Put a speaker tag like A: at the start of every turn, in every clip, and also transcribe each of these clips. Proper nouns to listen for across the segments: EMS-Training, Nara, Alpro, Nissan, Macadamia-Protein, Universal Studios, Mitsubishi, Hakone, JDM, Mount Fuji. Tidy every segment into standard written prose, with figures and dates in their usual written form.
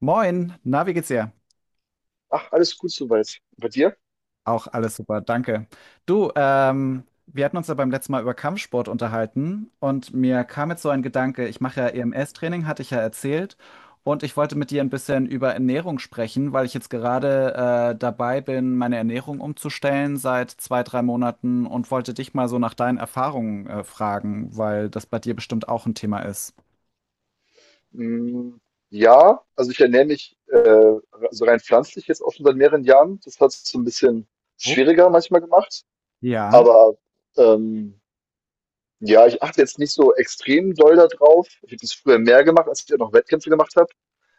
A: Moin, na, wie geht's dir?
B: Ach, alles gut soweit. Bei dir?
A: Auch alles super, danke. Du, wir hatten uns ja beim letzten Mal über Kampfsport unterhalten und mir kam jetzt so ein Gedanke, ich mache ja EMS-Training, hatte ich ja erzählt, und ich wollte mit dir ein bisschen über Ernährung sprechen, weil ich jetzt gerade dabei bin, meine Ernährung umzustellen seit zwei, drei Monaten und wollte dich mal so nach deinen Erfahrungen fragen, weil das bei dir bestimmt auch ein Thema ist.
B: Hm, ja, also ich ernähre mich also rein pflanzlich jetzt auch schon seit mehreren Jahren. Das hat es so ein bisschen
A: Oh,
B: schwieriger manchmal gemacht.
A: ja.
B: Aber ähm, ja, ich achte jetzt nicht so extrem doll da drauf. Ich habe das früher mehr gemacht, als ich ja noch Wettkämpfe gemacht habe.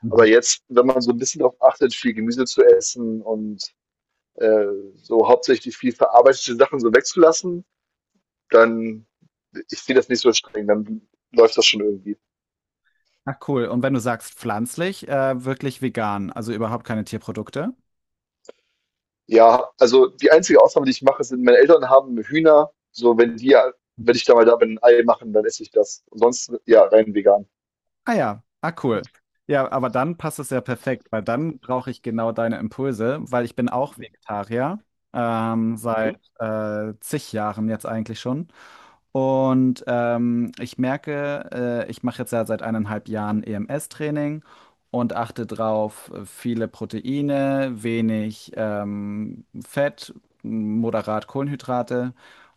B: Aber jetzt, wenn man so ein bisschen darauf achtet, viel Gemüse zu essen und äh, so hauptsächlich viel verarbeitete Sachen so wegzulassen, dann ich sehe das nicht so streng, dann läuft das schon irgendwie.
A: Ach cool. Und wenn du sagst pflanzlich, wirklich vegan, also überhaupt keine Tierprodukte?
B: Ja, also die einzige Ausnahme, die ich mache, sind meine Eltern haben Hühner. So, wenn ich da mal da bin, ein Ei machen, dann esse ich das. Ansonsten, ja, rein vegan.
A: Ah ja, ah cool. Ja, aber dann passt es ja perfekt, weil dann brauche ich genau deine Impulse, weil ich bin auch Vegetarier,
B: Mhm.
A: seit zig Jahren jetzt eigentlich schon. Und ich merke, ich mache jetzt ja seit eineinhalb Jahren EMS-Training und achte drauf, viele Proteine, wenig Fett, moderat Kohlenhydrate.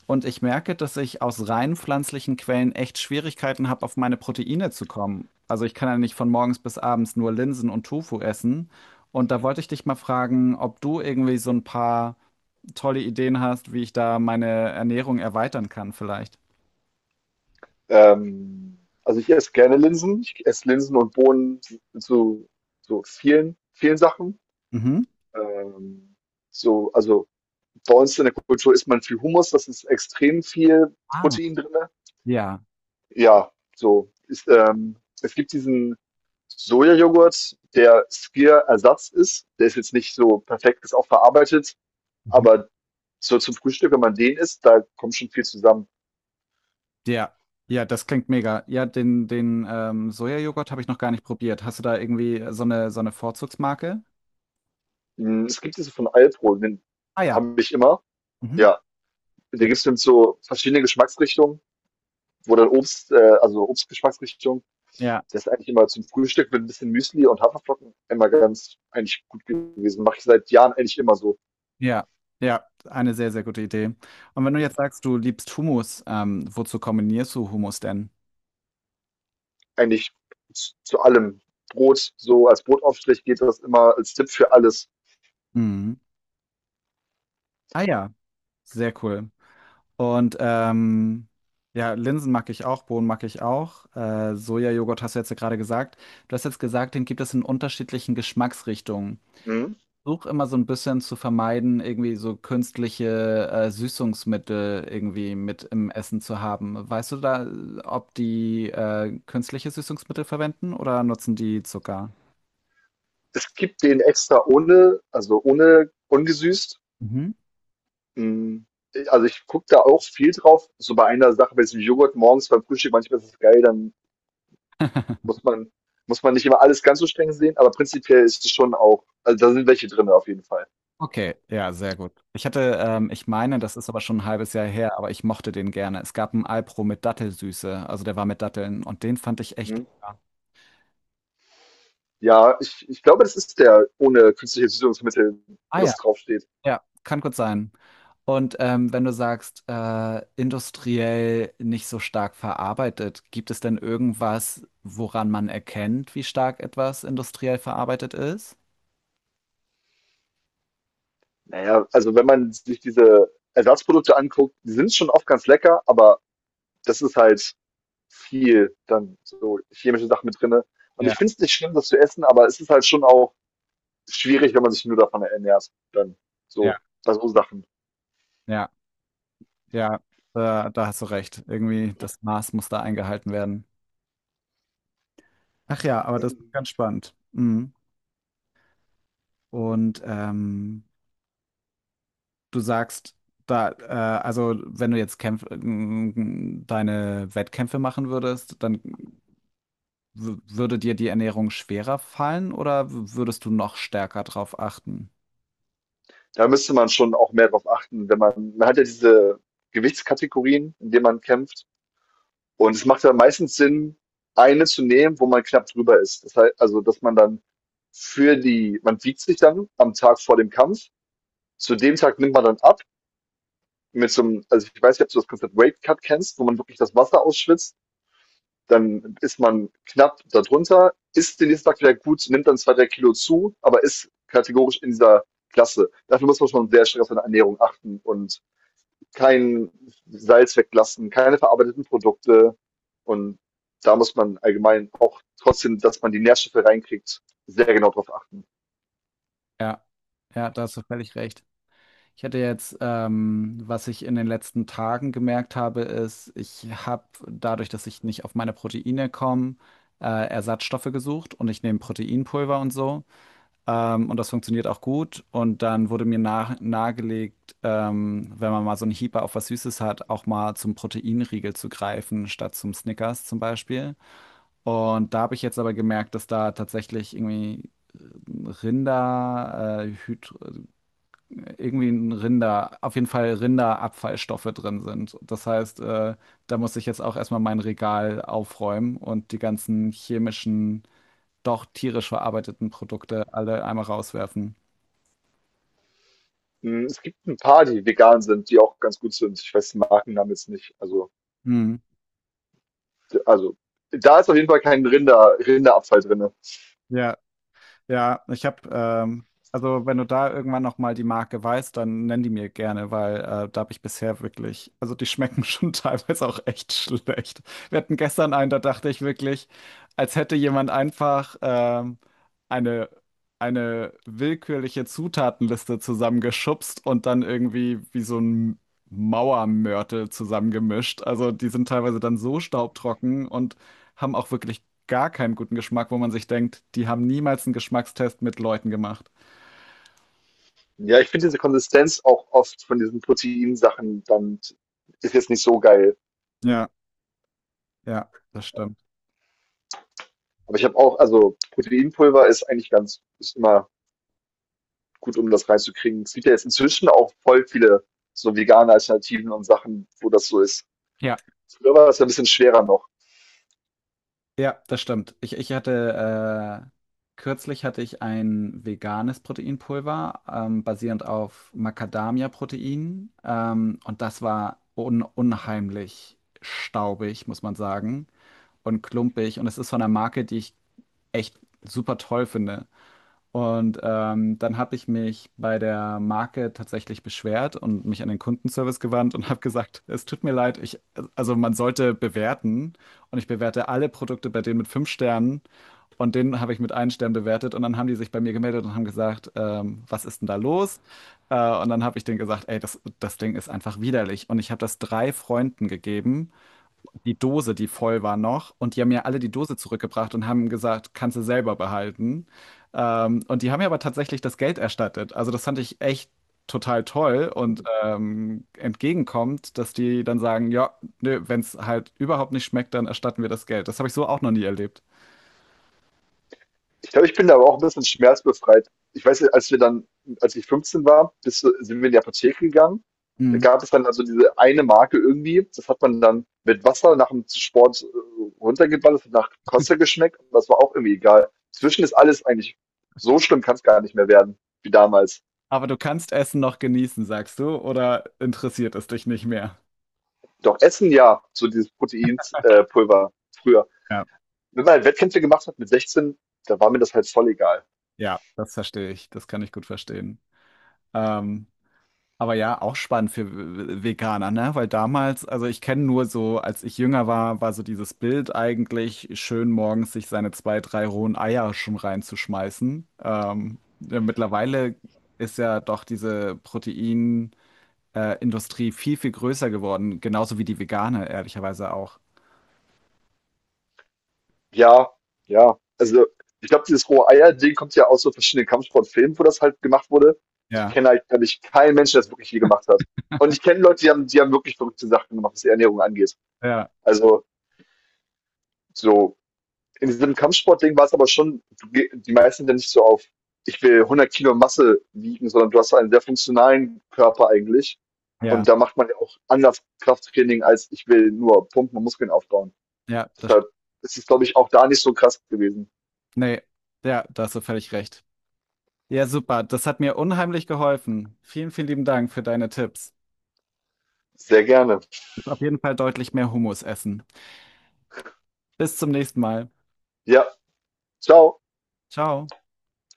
A: Und ich merke, dass ich aus rein pflanzlichen Quellen echt Schwierigkeiten habe, auf meine Proteine zu kommen. Also ich kann ja nicht von morgens bis abends nur Linsen und Tofu essen. Und da wollte ich dich mal fragen, ob du irgendwie so ein paar tolle Ideen hast, wie ich da meine Ernährung erweitern kann vielleicht.
B: Also ich esse gerne Linsen. Ich esse Linsen und Bohnen zu, so vielen, vielen Sachen.
A: Mhm.
B: Ähm, so, also bei uns in der Kultur isst man viel Hummus, das ist extrem viel
A: Ah,
B: Protein drin.
A: ja.
B: Ja, so. Es gibt diesen Sojajoghurt, der Skyr-Ersatz ist. Der ist jetzt nicht so perfekt, ist auch verarbeitet,
A: Mhm.
B: aber so zum Frühstück, wenn man den isst, da kommt schon viel zusammen.
A: Ja. Ja, das klingt mega. Ja, den Sojajoghurt habe ich noch gar nicht probiert. Hast du da irgendwie so eine Vorzugsmarke?
B: Hm, es gibt diese von Alpro, den
A: Ah ja.
B: habe ich immer.
A: Mhm.
B: Ja, da
A: Ja.
B: gibt es dann so verschiedene Geschmacksrichtungen, wo dann also Obstgeschmacksrichtung,
A: Ja.
B: das ist eigentlich immer zum Frühstück mit ein bisschen Müsli und Haferflocken immer ganz eigentlich gut gewesen. Mache ich seit Jahren eigentlich immer so.
A: Ja. Ja, eine sehr, sehr gute Idee. Und wenn du jetzt sagst, du liebst Hummus, wozu kombinierst du Hummus denn?
B: Eigentlich zu allem. Brot, so als Brotaufstrich geht das immer als Tipp für alles.
A: Mhm. Ah ja, sehr cool. Und ja, Linsen mag ich auch, Bohnen mag ich auch. Sojajoghurt hast du jetzt ja gerade gesagt. Du hast jetzt gesagt, den gibt es in unterschiedlichen Geschmacksrichtungen.
B: Mhm.
A: Versuche immer so ein bisschen zu vermeiden, irgendwie so künstliche Süßungsmittel irgendwie mit im Essen zu haben. Weißt du da, ob die künstliche Süßungsmittel verwenden oder nutzen die Zucker?
B: Es gibt den extra ohne, also ohne ungesüßt.
A: Mhm.
B: Mhm. Also ich gucke da auch viel drauf. So bei einer Sache, bei diesem Joghurt morgens beim Frühstück, manchmal ist es geil, dann muss man, muss man nicht immer alles ganz so streng sehen, aber prinzipiell ist es schon auch, also da sind welche drin auf jeden Fall.
A: Okay, ja, sehr gut. Ich hatte, ich meine, das ist aber schon ein halbes Jahr her, aber ich mochte den gerne. Es gab einen Alpro mit Dattelsüße, also der war mit Datteln und den fand ich echt
B: Mhm.
A: lecker.
B: Ja, ich glaube, das ist der ohne künstliche Süßungsmittel,
A: Ah
B: wo
A: ja,
B: das draufsteht.
A: ja, kann gut sein. Und wenn du sagst, industriell nicht so stark verarbeitet, gibt es denn irgendwas, woran man erkennt, wie stark etwas industriell verarbeitet ist?
B: Naja, also wenn man sich diese Ersatzprodukte anguckt, die sind schon oft ganz lecker, aber das ist halt viel dann so chemische Sachen mit drinne. Und
A: Ja,
B: ich finde es nicht schlimm, das zu essen, aber es ist halt schon auch schwierig, wenn man sich nur davon ernährt, dann
A: ja,
B: so bei so Sachen.
A: ja, ja, da hast du recht. Irgendwie das Maß muss da eingehalten werden. Ach ja, aber das ist ganz spannend. Mhm. Und du sagst, da, also wenn du jetzt deine Wettkämpfe machen würdest, dann würde dir die Ernährung schwerer fallen oder würdest du noch stärker drauf achten?
B: Da müsste man schon auch mehr drauf achten, wenn man, man hat ja diese Gewichtskategorien, in denen man kämpft. Und es macht ja meistens Sinn, eine zu nehmen, wo man knapp drüber ist. Das heißt, also, dass man dann für die, man wiegt sich dann am Tag vor dem Kampf. Zu dem Tag nimmt man dann ab mit so einem, also, ich weiß nicht, ob du das Konzept Weight Cut kennst, wo man wirklich das Wasser ausschwitzt, dann ist man knapp darunter, ist den nächsten Tag wieder gut, nimmt dann 2 3 Kilo zu, aber ist kategorisch in dieser Klasse. Dafür muss man schon sehr streng auf seine Ernährung achten und kein Salz weglassen, keine verarbeiteten Produkte. Und da muss man allgemein auch trotzdem, dass man die Nährstoffe reinkriegt, sehr genau drauf achten.
A: Ja, ja, da hast du völlig recht. Ich hatte jetzt, was ich in den letzten Tagen gemerkt habe, ist, ich habe dadurch, dass ich nicht auf meine Proteine komme, Ersatzstoffe gesucht und ich nehme Proteinpulver und so. Und das funktioniert auch gut. Und dann wurde mir nahegelegt, wenn man mal so einen Hieper auf was Süßes hat, auch mal zum Proteinriegel zu greifen, statt zum Snickers zum Beispiel. Und da habe ich jetzt aber gemerkt, dass da tatsächlich irgendwie Rinder, Hyd irgendwie ein Rinder, auf jeden Fall Rinderabfallstoffe drin sind. Das heißt, da muss ich jetzt auch erstmal mein Regal aufräumen und die ganzen chemischen, doch tierisch verarbeiteten Produkte alle einmal rauswerfen.
B: Hm, es gibt ein paar, die vegan sind, die auch ganz gut sind. Ich weiß den Markennamen jetzt nicht. Also
A: Hm.
B: also da ist auf jeden Fall kein Rinder, Rinderabfall drin.
A: Ja. Ja, ich habe, also wenn du da irgendwann noch mal die Marke weißt, dann nenn die mir gerne, weil da habe ich bisher wirklich, also die schmecken schon teilweise auch echt schlecht. Wir hatten gestern einen, da dachte ich wirklich, als hätte jemand einfach eine eine willkürliche Zutatenliste zusammengeschubst und dann irgendwie wie so ein Mauermörtel zusammengemischt. Also die sind teilweise dann so staubtrocken und haben auch wirklich gar keinen guten Geschmack, wo man sich denkt, die haben niemals einen Geschmackstest mit Leuten gemacht.
B: Ja, ich finde diese Konsistenz auch oft von diesen Proteinsachen dann ist jetzt nicht so geil.
A: Ja, ja, das stimmt.
B: Aber ich habe auch, also Proteinpulver ist eigentlich ganz, ist immer gut, um das reinzukriegen. Es gibt ja jetzt inzwischen auch voll viele so vegane Alternativen und Sachen, wo das so ist.
A: Ja,
B: Früher war das ja ein bisschen schwerer noch.
A: ja, das stimmt. Ich hatte, kürzlich hatte ich ein veganes Proteinpulver, basierend auf Macadamia-Protein. Und das war un unheimlich staubig, muss man sagen, und klumpig. Und es ist von einer Marke, die ich echt super toll finde. Und dann habe ich mich bei der Marke tatsächlich beschwert und mich an den Kundenservice gewandt und habe gesagt, es tut mir leid, ich, also man sollte bewerten und ich bewerte alle Produkte bei denen mit fünf Sternen und den habe ich mit einem Stern bewertet und dann haben die sich bei mir gemeldet und haben gesagt, was ist denn da los? Äh, und dann habe ich denen gesagt, ey, das Ding ist einfach widerlich und ich habe das drei Freunden gegeben, die Dose, die voll war noch. Und die haben mir alle die Dose zurückgebracht und haben gesagt, kannst du selber behalten. Und die haben mir aber tatsächlich das Geld erstattet. Also das fand ich echt total toll und entgegenkommt, dass die dann sagen, ja, nö, wenn es halt überhaupt nicht schmeckt, dann erstatten wir das Geld. Das habe ich so auch noch nie erlebt.
B: Ich glaube, ich bin da aber auch ein bisschen schmerzbefreit. Ich weiß, als ich 15 war, sind wir in die Apotheke gegangen. Da
A: Mhm.
B: gab es dann also diese eine Marke irgendwie. Das hat man dann mit Wasser nach dem Sport runtergeballert, hat nach Kosse geschmeckt. Und das war auch irgendwie egal. Zwischen ist alles eigentlich so schlimm, kann es gar nicht mehr werden, wie damals.
A: Aber du kannst Essen noch genießen, sagst du, oder interessiert es dich nicht mehr?
B: Doch Essen ja, so dieses Proteinpulver Pulver früher.
A: Ja,
B: Wenn man halt Wettkämpfe gemacht hat mit 16, da war mir das halt voll egal.
A: ja, das verstehe ich. Das kann ich gut verstehen. Ähm, Aber ja, auch spannend für Veganer, ne? Weil damals, also ich kenne nur so, als ich jünger war, war so dieses Bild eigentlich, schön morgens sich seine zwei, drei rohen Eier schon reinzuschmeißen. Ja, mittlerweile ist ja doch diese Industrie viel, viel größer geworden, genauso wie die vegane, ehrlicherweise auch.
B: Ja, ja. Also, ich glaube, dieses Rohe-Eier-Ding kommt ja aus so verschiedenen Kampfsportfilmen, wo das halt gemacht wurde. Ich
A: Ja,
B: kenne halt, glaube ich, keinen Menschen, der das wirklich je gemacht hat. Und ich kenne Leute, die haben wirklich verrückte Sachen gemacht, was die Ernährung angeht.
A: ja,
B: Also, so, in diesem Kampfsportding war es aber schon, du, die meisten sind ja nicht so auf, ich will 100 Kilo Masse wiegen, sondern du hast einen sehr funktionalen Körper eigentlich.
A: ja,
B: Und da macht man ja auch anders Krafttraining, als ich will nur Pumpen und Muskeln aufbauen.
A: ja,
B: Deshalb ist es, glaube ich, auch da nicht so krass gewesen.
A: nee, ja, da hast du völlig recht. Ja, super, das hat mir unheimlich geholfen. Vielen, vielen lieben Dank für deine Tipps.
B: Sehr gerne.
A: Auf jeden Fall deutlich mehr Hummus essen. Bis zum nächsten Mal.
B: Ja, ciao.
A: Ciao.